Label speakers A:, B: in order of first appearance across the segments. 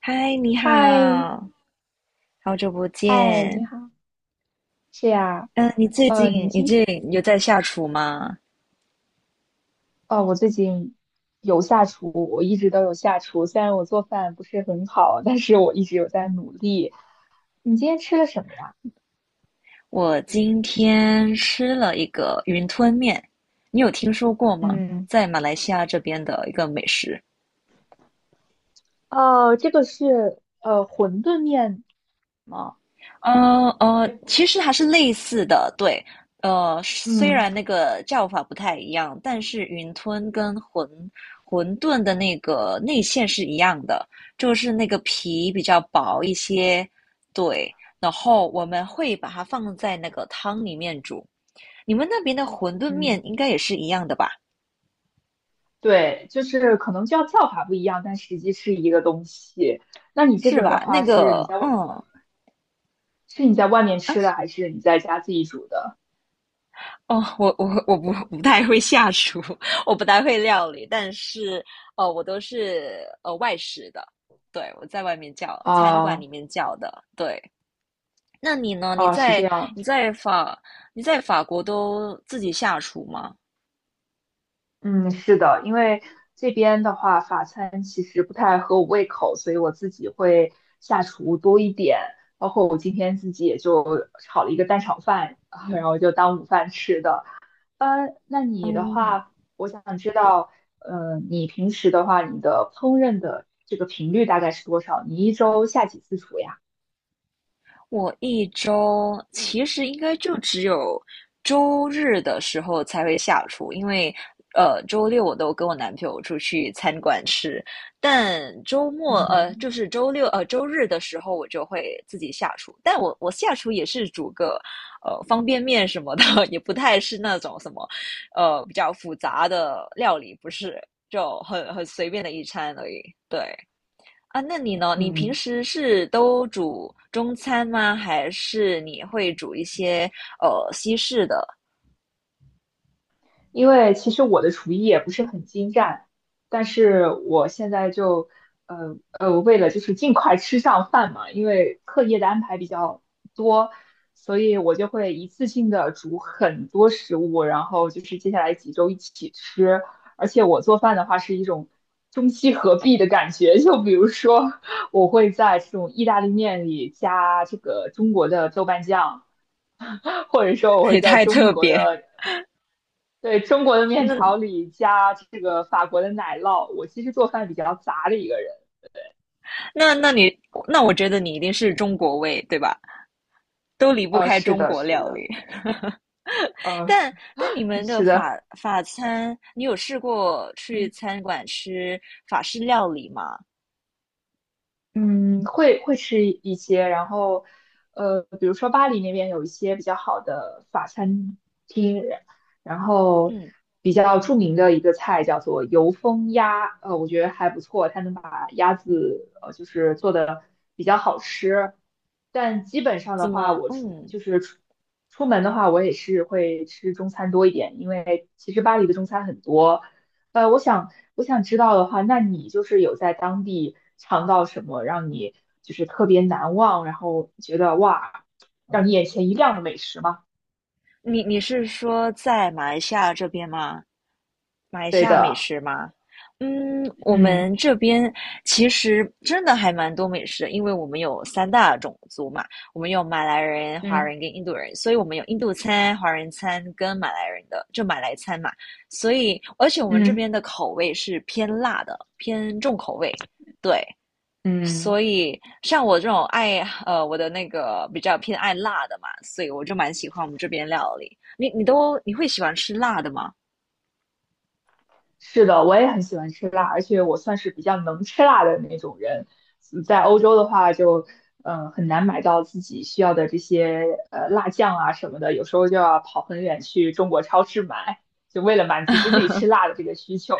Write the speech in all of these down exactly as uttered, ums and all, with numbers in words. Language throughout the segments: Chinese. A: 嗨，你
B: 嗨，
A: 好，好久不
B: 嗨，
A: 见。
B: 你好，是呀，
A: 嗯、你最近
B: 呃，你
A: 你
B: 今天，
A: 最近有在下厨吗？
B: 哦，我最近有下厨，我一直都有下厨，虽然我做饭不是很好，但是我一直有在努力。你今天吃了什么呀？
A: 我今天吃了一个云吞面，你有听说过吗？
B: 嗯，
A: 在马来西亚这边的一个美食。
B: 哦，这个是呃馄饨面吗？
A: 呃呃，其实还是类似的，对，呃，虽
B: 嗯，
A: 然那个叫法不太一样，但是云吞跟馄馄饨的那个内馅是一样的，就是那个皮比较薄一些，对，然后我们会把它放在那个汤里面煮。你们那边的馄饨面
B: 嗯，
A: 应该也是一样的吧？
B: 对，就是可能叫叫法不一样，但实际是一个东西。那你这
A: 是
B: 个的
A: 吧？那
B: 话，是
A: 个，
B: 你在外
A: 嗯，
B: 是你在外面
A: 啊，
B: 吃的，还是你在家自己煮的？
A: 哦，我我我不不太会下厨，我不太会料理，但是呃，我都是呃外食的，对，我在外面叫，餐馆里
B: 啊、
A: 面叫的，对。那你呢？你
B: 啊、是
A: 在
B: 这样。
A: 你在法你在法国都自己下厨吗？
B: 嗯，是的，因为这边的话，法餐其实不太合我胃口，所以我自己会下厨多一点。包括我今天自己也就炒了一个蛋炒饭，啊然后就当午饭吃的。呃，那你的
A: 嗯，
B: 话，我想知道，呃，你平时的话，你的烹饪的这个频率大概是多少？你一周下几次厨呀？
A: 我一周其实应该就只有周日的时候才会下厨，因为呃周六我都跟我男朋友出去餐馆吃，但周末呃
B: 嗯，
A: 就是周六呃周日的时候我就会自己下厨，但我我下厨也是煮个呃方便面什么的，也不太是那种什么呃比较复杂的料理，不是，就很很随便的一餐而已，对。啊，那你呢？你平
B: 嗯
A: 时是都煮中餐吗？还是你会煮一些呃西式的？
B: 因为其实我的厨艺也不是很精湛，但是我现在就，呃呃，为了就是尽快吃上饭嘛，因为课业的安排比较多，所以我就会一次性的煮很多食物，然后就是接下来几周一起吃。而且我做饭的话是一种中西合璧的感觉，就比如说我会在这种意大利面里加这个中国的豆瓣酱。或者说我 会
A: 也
B: 在
A: 太
B: 中
A: 特
B: 国
A: 别。
B: 的。对，中国的面条
A: 那
B: 里加这个法国的奶酪，我其实做饭比较杂的一个人。
A: 那那你那我觉得你一定是中国味，对吧？都离不
B: 呃，
A: 开
B: 是
A: 中
B: 的，
A: 国
B: 是
A: 料理。
B: 的，呃，
A: 但但你们的
B: 是
A: 法
B: 的，
A: 法餐，你有试过去
B: 嗯。
A: 餐馆吃法式料理吗？
B: 嗯，会会吃一些，然后，呃，比如说巴黎那边有一些比较好的法餐厅，然后
A: 嗯，
B: 比较著名的一个菜叫做油封鸭，呃，我觉得还不错，它能把鸭子呃就是做的比较好吃，但基本上的
A: 怎
B: 话，
A: 么？
B: 我出就
A: 嗯，
B: 是出出门的话，我也是会吃中餐多一点，因为其实巴黎的中餐很多。呃，我想我想知道的话，那你就是有在当地尝到什么让你就是特别难忘，然后觉得哇，让你眼前一亮的美食吗？
A: 你你是说在马来西亚这边吗？马来西
B: 对
A: 亚美
B: 的，
A: 食吗？嗯，我
B: 嗯
A: 们这边其实真的还蛮多美食的，因为我们有三大种族嘛，我们有马来人、华
B: 嗯
A: 人跟印度人，所以我们有印度餐、华人餐跟马来人的，就马来餐嘛。所以，而且我们这
B: 嗯
A: 边的口味是偏辣的，偏重口味，对。
B: 嗯，
A: 所以，像我这种爱呃我的那个比较偏爱辣的嘛，所以我就蛮喜欢我们这边料理。你你都你会喜欢吃辣的吗？
B: 是的，我也很喜欢吃辣，而且我算是比较能吃辣的那种人。在欧洲的话就，呃很难买到自己需要的这些呃辣酱啊什么的，有时候就要跑很远去中国超市买，就为了满足自己吃辣的这个需求。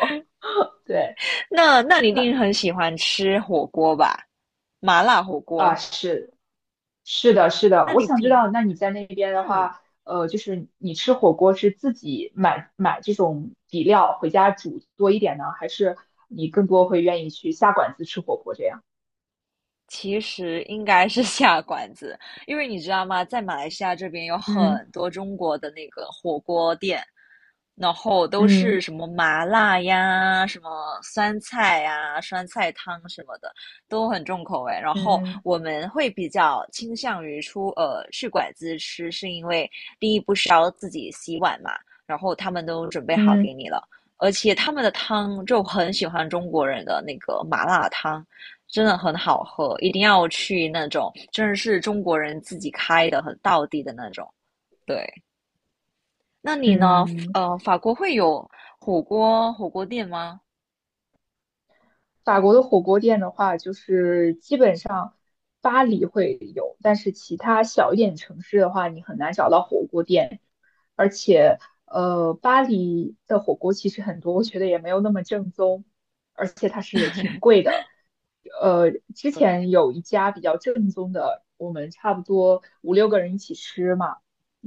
B: 对。
A: 那那你一
B: 那。
A: 定很喜欢吃火锅吧？麻辣火
B: 啊，
A: 锅。
B: 是是的，是的，
A: 那
B: 我
A: 你
B: 想知
A: 平，
B: 道，那你在那边的
A: 嗯，
B: 话，呃，就是你吃火锅是自己买买这种底料回家煮多一点呢，还是你更多会愿意去下馆子吃火锅这样？
A: 其实应该是 下馆子，因为你知道吗，在马来西亚这边有
B: 嗯
A: 很多中国的那个火锅店，然后都
B: 嗯
A: 是什么麻辣呀、什么酸菜呀、酸菜汤什么的，都很重口味。然后
B: 嗯
A: 我们会比较倾向于出呃去馆子吃，是因为第一不需要自己洗碗嘛，然后他们都准备好
B: 嗯
A: 给
B: 嗯。
A: 你了，而且他们的汤就很喜欢中国人的那个麻辣汤。真的很好喝，一定要去那种真的是中国人自己开的，很道地的那种。对，那你呢？
B: 嗯
A: 呃，法国会有火锅火锅店吗？
B: 法国的火锅店的话，就是基本上巴黎会有，但是其他小一点城市的话，你很难找到火锅店。而且，呃，巴黎的火锅其实很多，我觉得也没有那么正宗。呃，之
A: 对，
B: 前有一家比较正宗的，我们差不多五六个人一起吃嘛，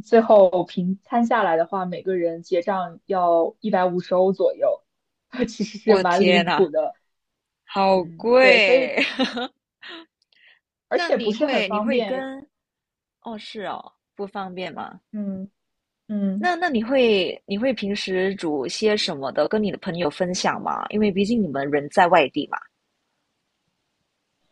B: 最后平摊下来的话，每个人结账要一百五十欧左右，其实是
A: 我
B: 蛮离
A: 天呐，
B: 谱的。
A: 好
B: 嗯，对，所以
A: 贵！
B: 而
A: 那
B: 且不
A: 你
B: 是很
A: 会你
B: 方
A: 会
B: 便。
A: 跟哦是哦，不方便吗？
B: 嗯
A: 那
B: 嗯。
A: 那你会你会平时煮些什么的，跟你的朋友分享吗？因为毕竟你们人在外地嘛。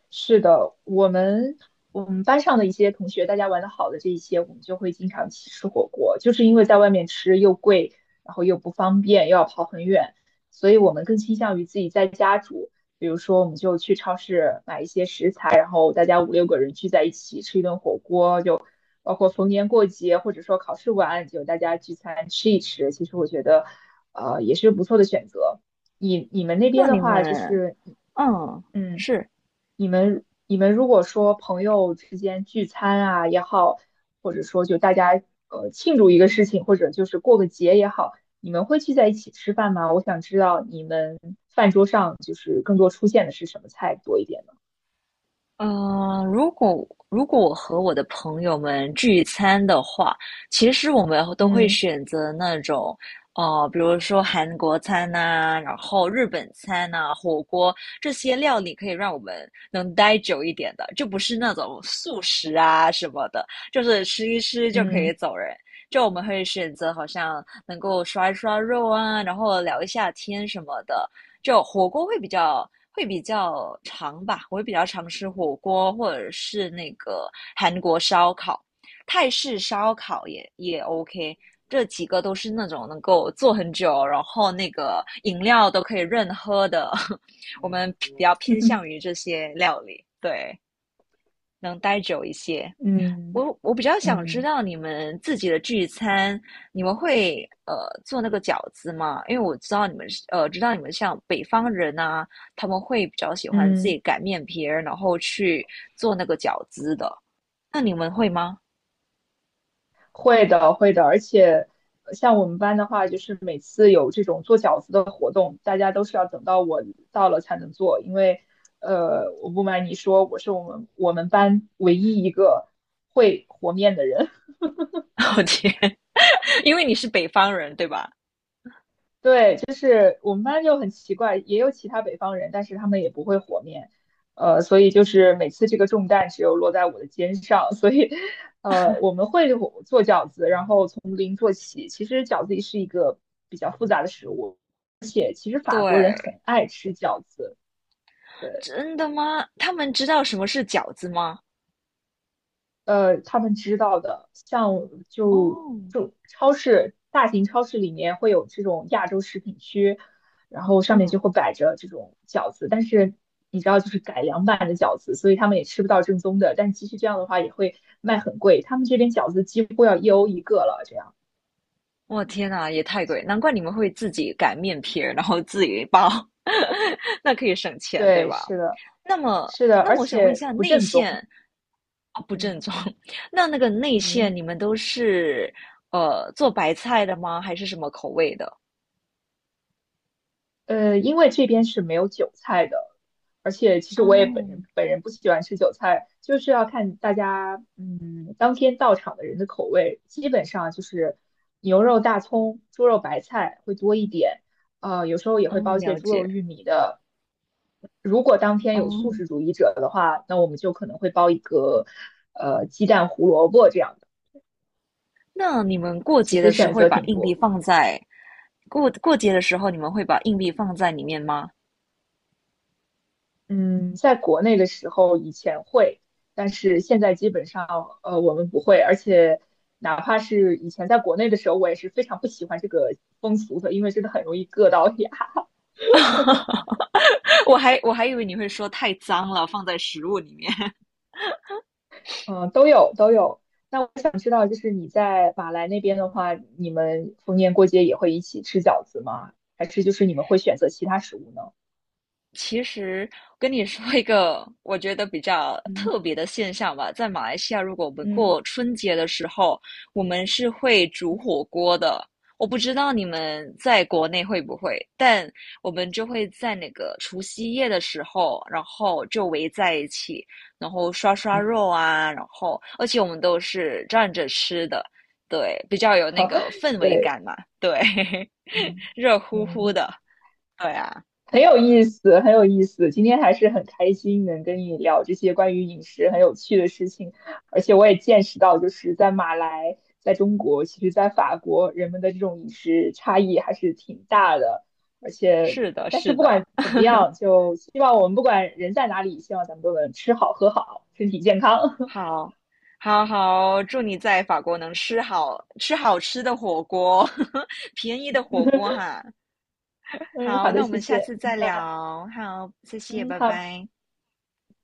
B: 是的，我们我们班上的一些同学，大家玩的好的这一些，我们就会经常去吃火锅，就是因为在外面吃又贵，然后又不方便，又要跑很远，所以我们更倾向于自己在家煮。比如说，我们就去超市买一些食材，然后大家五六个人聚在一起吃一顿火锅，就包括逢年过节或者说考试完，就大家聚餐吃一吃。其实我觉得，呃，也是不错的选择。你你们那边
A: 那
B: 的
A: 你
B: 话，就
A: 们
B: 是，
A: 嗯
B: 嗯。
A: 是。
B: 你们你们如果说朋友之间聚餐啊也好，或者说就大家呃庆祝一个事情，或者就是过个节也好，你们会聚在一起吃饭吗？我想知道你们饭桌上就是更多出现的是什么菜多一点呢？
A: 嗯，如果如果我和我的朋友们聚餐的话，其实我们都会
B: 嗯
A: 选择那种，呃，比如说韩国餐呐、然后日本餐呐、火锅这些料理，可以让我们能待久一点的，就不是那种速食啊什么的，就是吃一吃就可
B: 嗯
A: 以走人。就我们会选择好像能够刷一刷肉啊，然后聊一下天什么的，就火锅会比较会比较长吧，我会比较常吃火锅或者是那个韩国烧烤、泰式烧烤也也 OK，这几个都是那种能够做很久，然后那个饮料都可以任喝的，我们比较偏向于 这些料理，对，能待久一些。
B: 嗯
A: 我我比较想知
B: 嗯
A: 道你们自己的聚餐，你们会呃做那个饺子吗？因为我知道你们是呃知道你们像北方人啊，他们会比较喜欢自
B: 嗯。
A: 己擀面皮儿，然后去做那个饺子的。那你们会吗？
B: 会的，会的，而且呃像我们班的话，就是每次有这种做饺子的活动，大家都是要等到我到了才能做，因为呃，我不瞒你说，我是我们我们班唯一一个会和面的人。
A: 我天，因为你是北方人，对吧？
B: 对，就是我们班就很奇怪，也有其他北方人，但是他们也不会和面，呃，所以就是每次这个重担只有落在我的肩上，所以呃，我们会做饺子，然后从零做起。其实饺子也是一个比较复杂的食物。其实法国人
A: 对，
B: 很爱吃饺子，对，
A: 真的吗？他们知道什么是饺子吗？
B: 呃，他们知道的，像就
A: 哦，
B: 就超市大型超市里面会有这种亚洲食品区，然后上面
A: 嗯，
B: 就会摆着这种饺子，但是你知道就是改良版的饺子，所以他们也吃不到正宗的，但即使这样的话也会卖很贵，他们这边饺子几乎要一欧一个了，这样，
A: 我天呐，也太贵，难怪你们会自己擀面皮儿，然后自己包，那可以省钱，对
B: 对，
A: 吧？
B: 是的，
A: 那么，
B: 是的，
A: 那
B: 而
A: 么我想问一
B: 且
A: 下，
B: 不
A: 内
B: 正
A: 线
B: 宗，
A: 啊不正
B: 嗯
A: 宗，那那个内线
B: 嗯。
A: 你们都是呃做白菜的吗？还是什么口味的？
B: 呃，因为这边是没有韭菜的，而且其实我也本
A: 哦，
B: 人本人不喜欢吃韭菜，就是要看大家嗯当天到场的人的口味，基本上就是牛肉、大葱、猪肉、白菜会多一点，呃，有时候也会包
A: 嗯，
B: 一些
A: 了
B: 猪肉、
A: 解。
B: 玉米的。如果当天有素
A: 哦，
B: 食主义者的话，那我们就可能会包一个呃鸡蛋、胡萝卜这样的，
A: 那你们过
B: 其
A: 节
B: 实
A: 的时
B: 选
A: 候会
B: 择
A: 把
B: 挺
A: 硬币
B: 多。
A: 放在过过节的时候，你们会把硬币放在里面吗？
B: 嗯，在国内的时候以前会，但是现在基本上呃我们不会，而且哪怕是以前在国内的时候，我也是非常不喜欢这个风俗的，因为真的很容易硌到牙。
A: 我还我还以为你会说太脏了，放在食物里面。
B: 嗯，都有都有。那我想知道，就是你在马来那边的话，你们逢年过节也会一起吃饺子吗？还是就是你们会选择其他食物呢？
A: 其实跟你说一个我觉得比较特
B: 嗯
A: 别的现象吧，在马来西亚，如果我们
B: 嗯
A: 过春节的时候，我们是会煮火锅的。我不知道你们在国内会不会，但我们就会在那个除夕夜的时候，然后就围在一起，然后刷刷
B: 嗯，
A: 肉啊，然后而且我们都是站着吃的，对，比较有那
B: 好，
A: 个氛 围
B: 对，
A: 感嘛，对，
B: 嗯。
A: 热乎乎
B: 嗯。
A: 的，对啊，
B: 很有意思，很有意思。今天还是很开心能跟你聊这些关于饮食很有趣的事情，而且我也见识到，就是在马来，在中国，其实在法国，人们的这种饮食差异还是挺大的。而且，
A: 是的，
B: 但是
A: 是
B: 不
A: 的。
B: 管怎么样，就希望我们不管人在哪里，希望咱们都能吃好喝好，身体健康。
A: 好，好好，祝你在法国能吃好吃好吃的火锅，便宜的火锅 哈。
B: 嗯，
A: 好，
B: 好
A: 那
B: 的，
A: 我
B: 谢
A: 们下
B: 谢。
A: 次再
B: 那
A: 聊。好，谢谢，
B: 嗯，
A: 拜
B: 好。
A: 拜。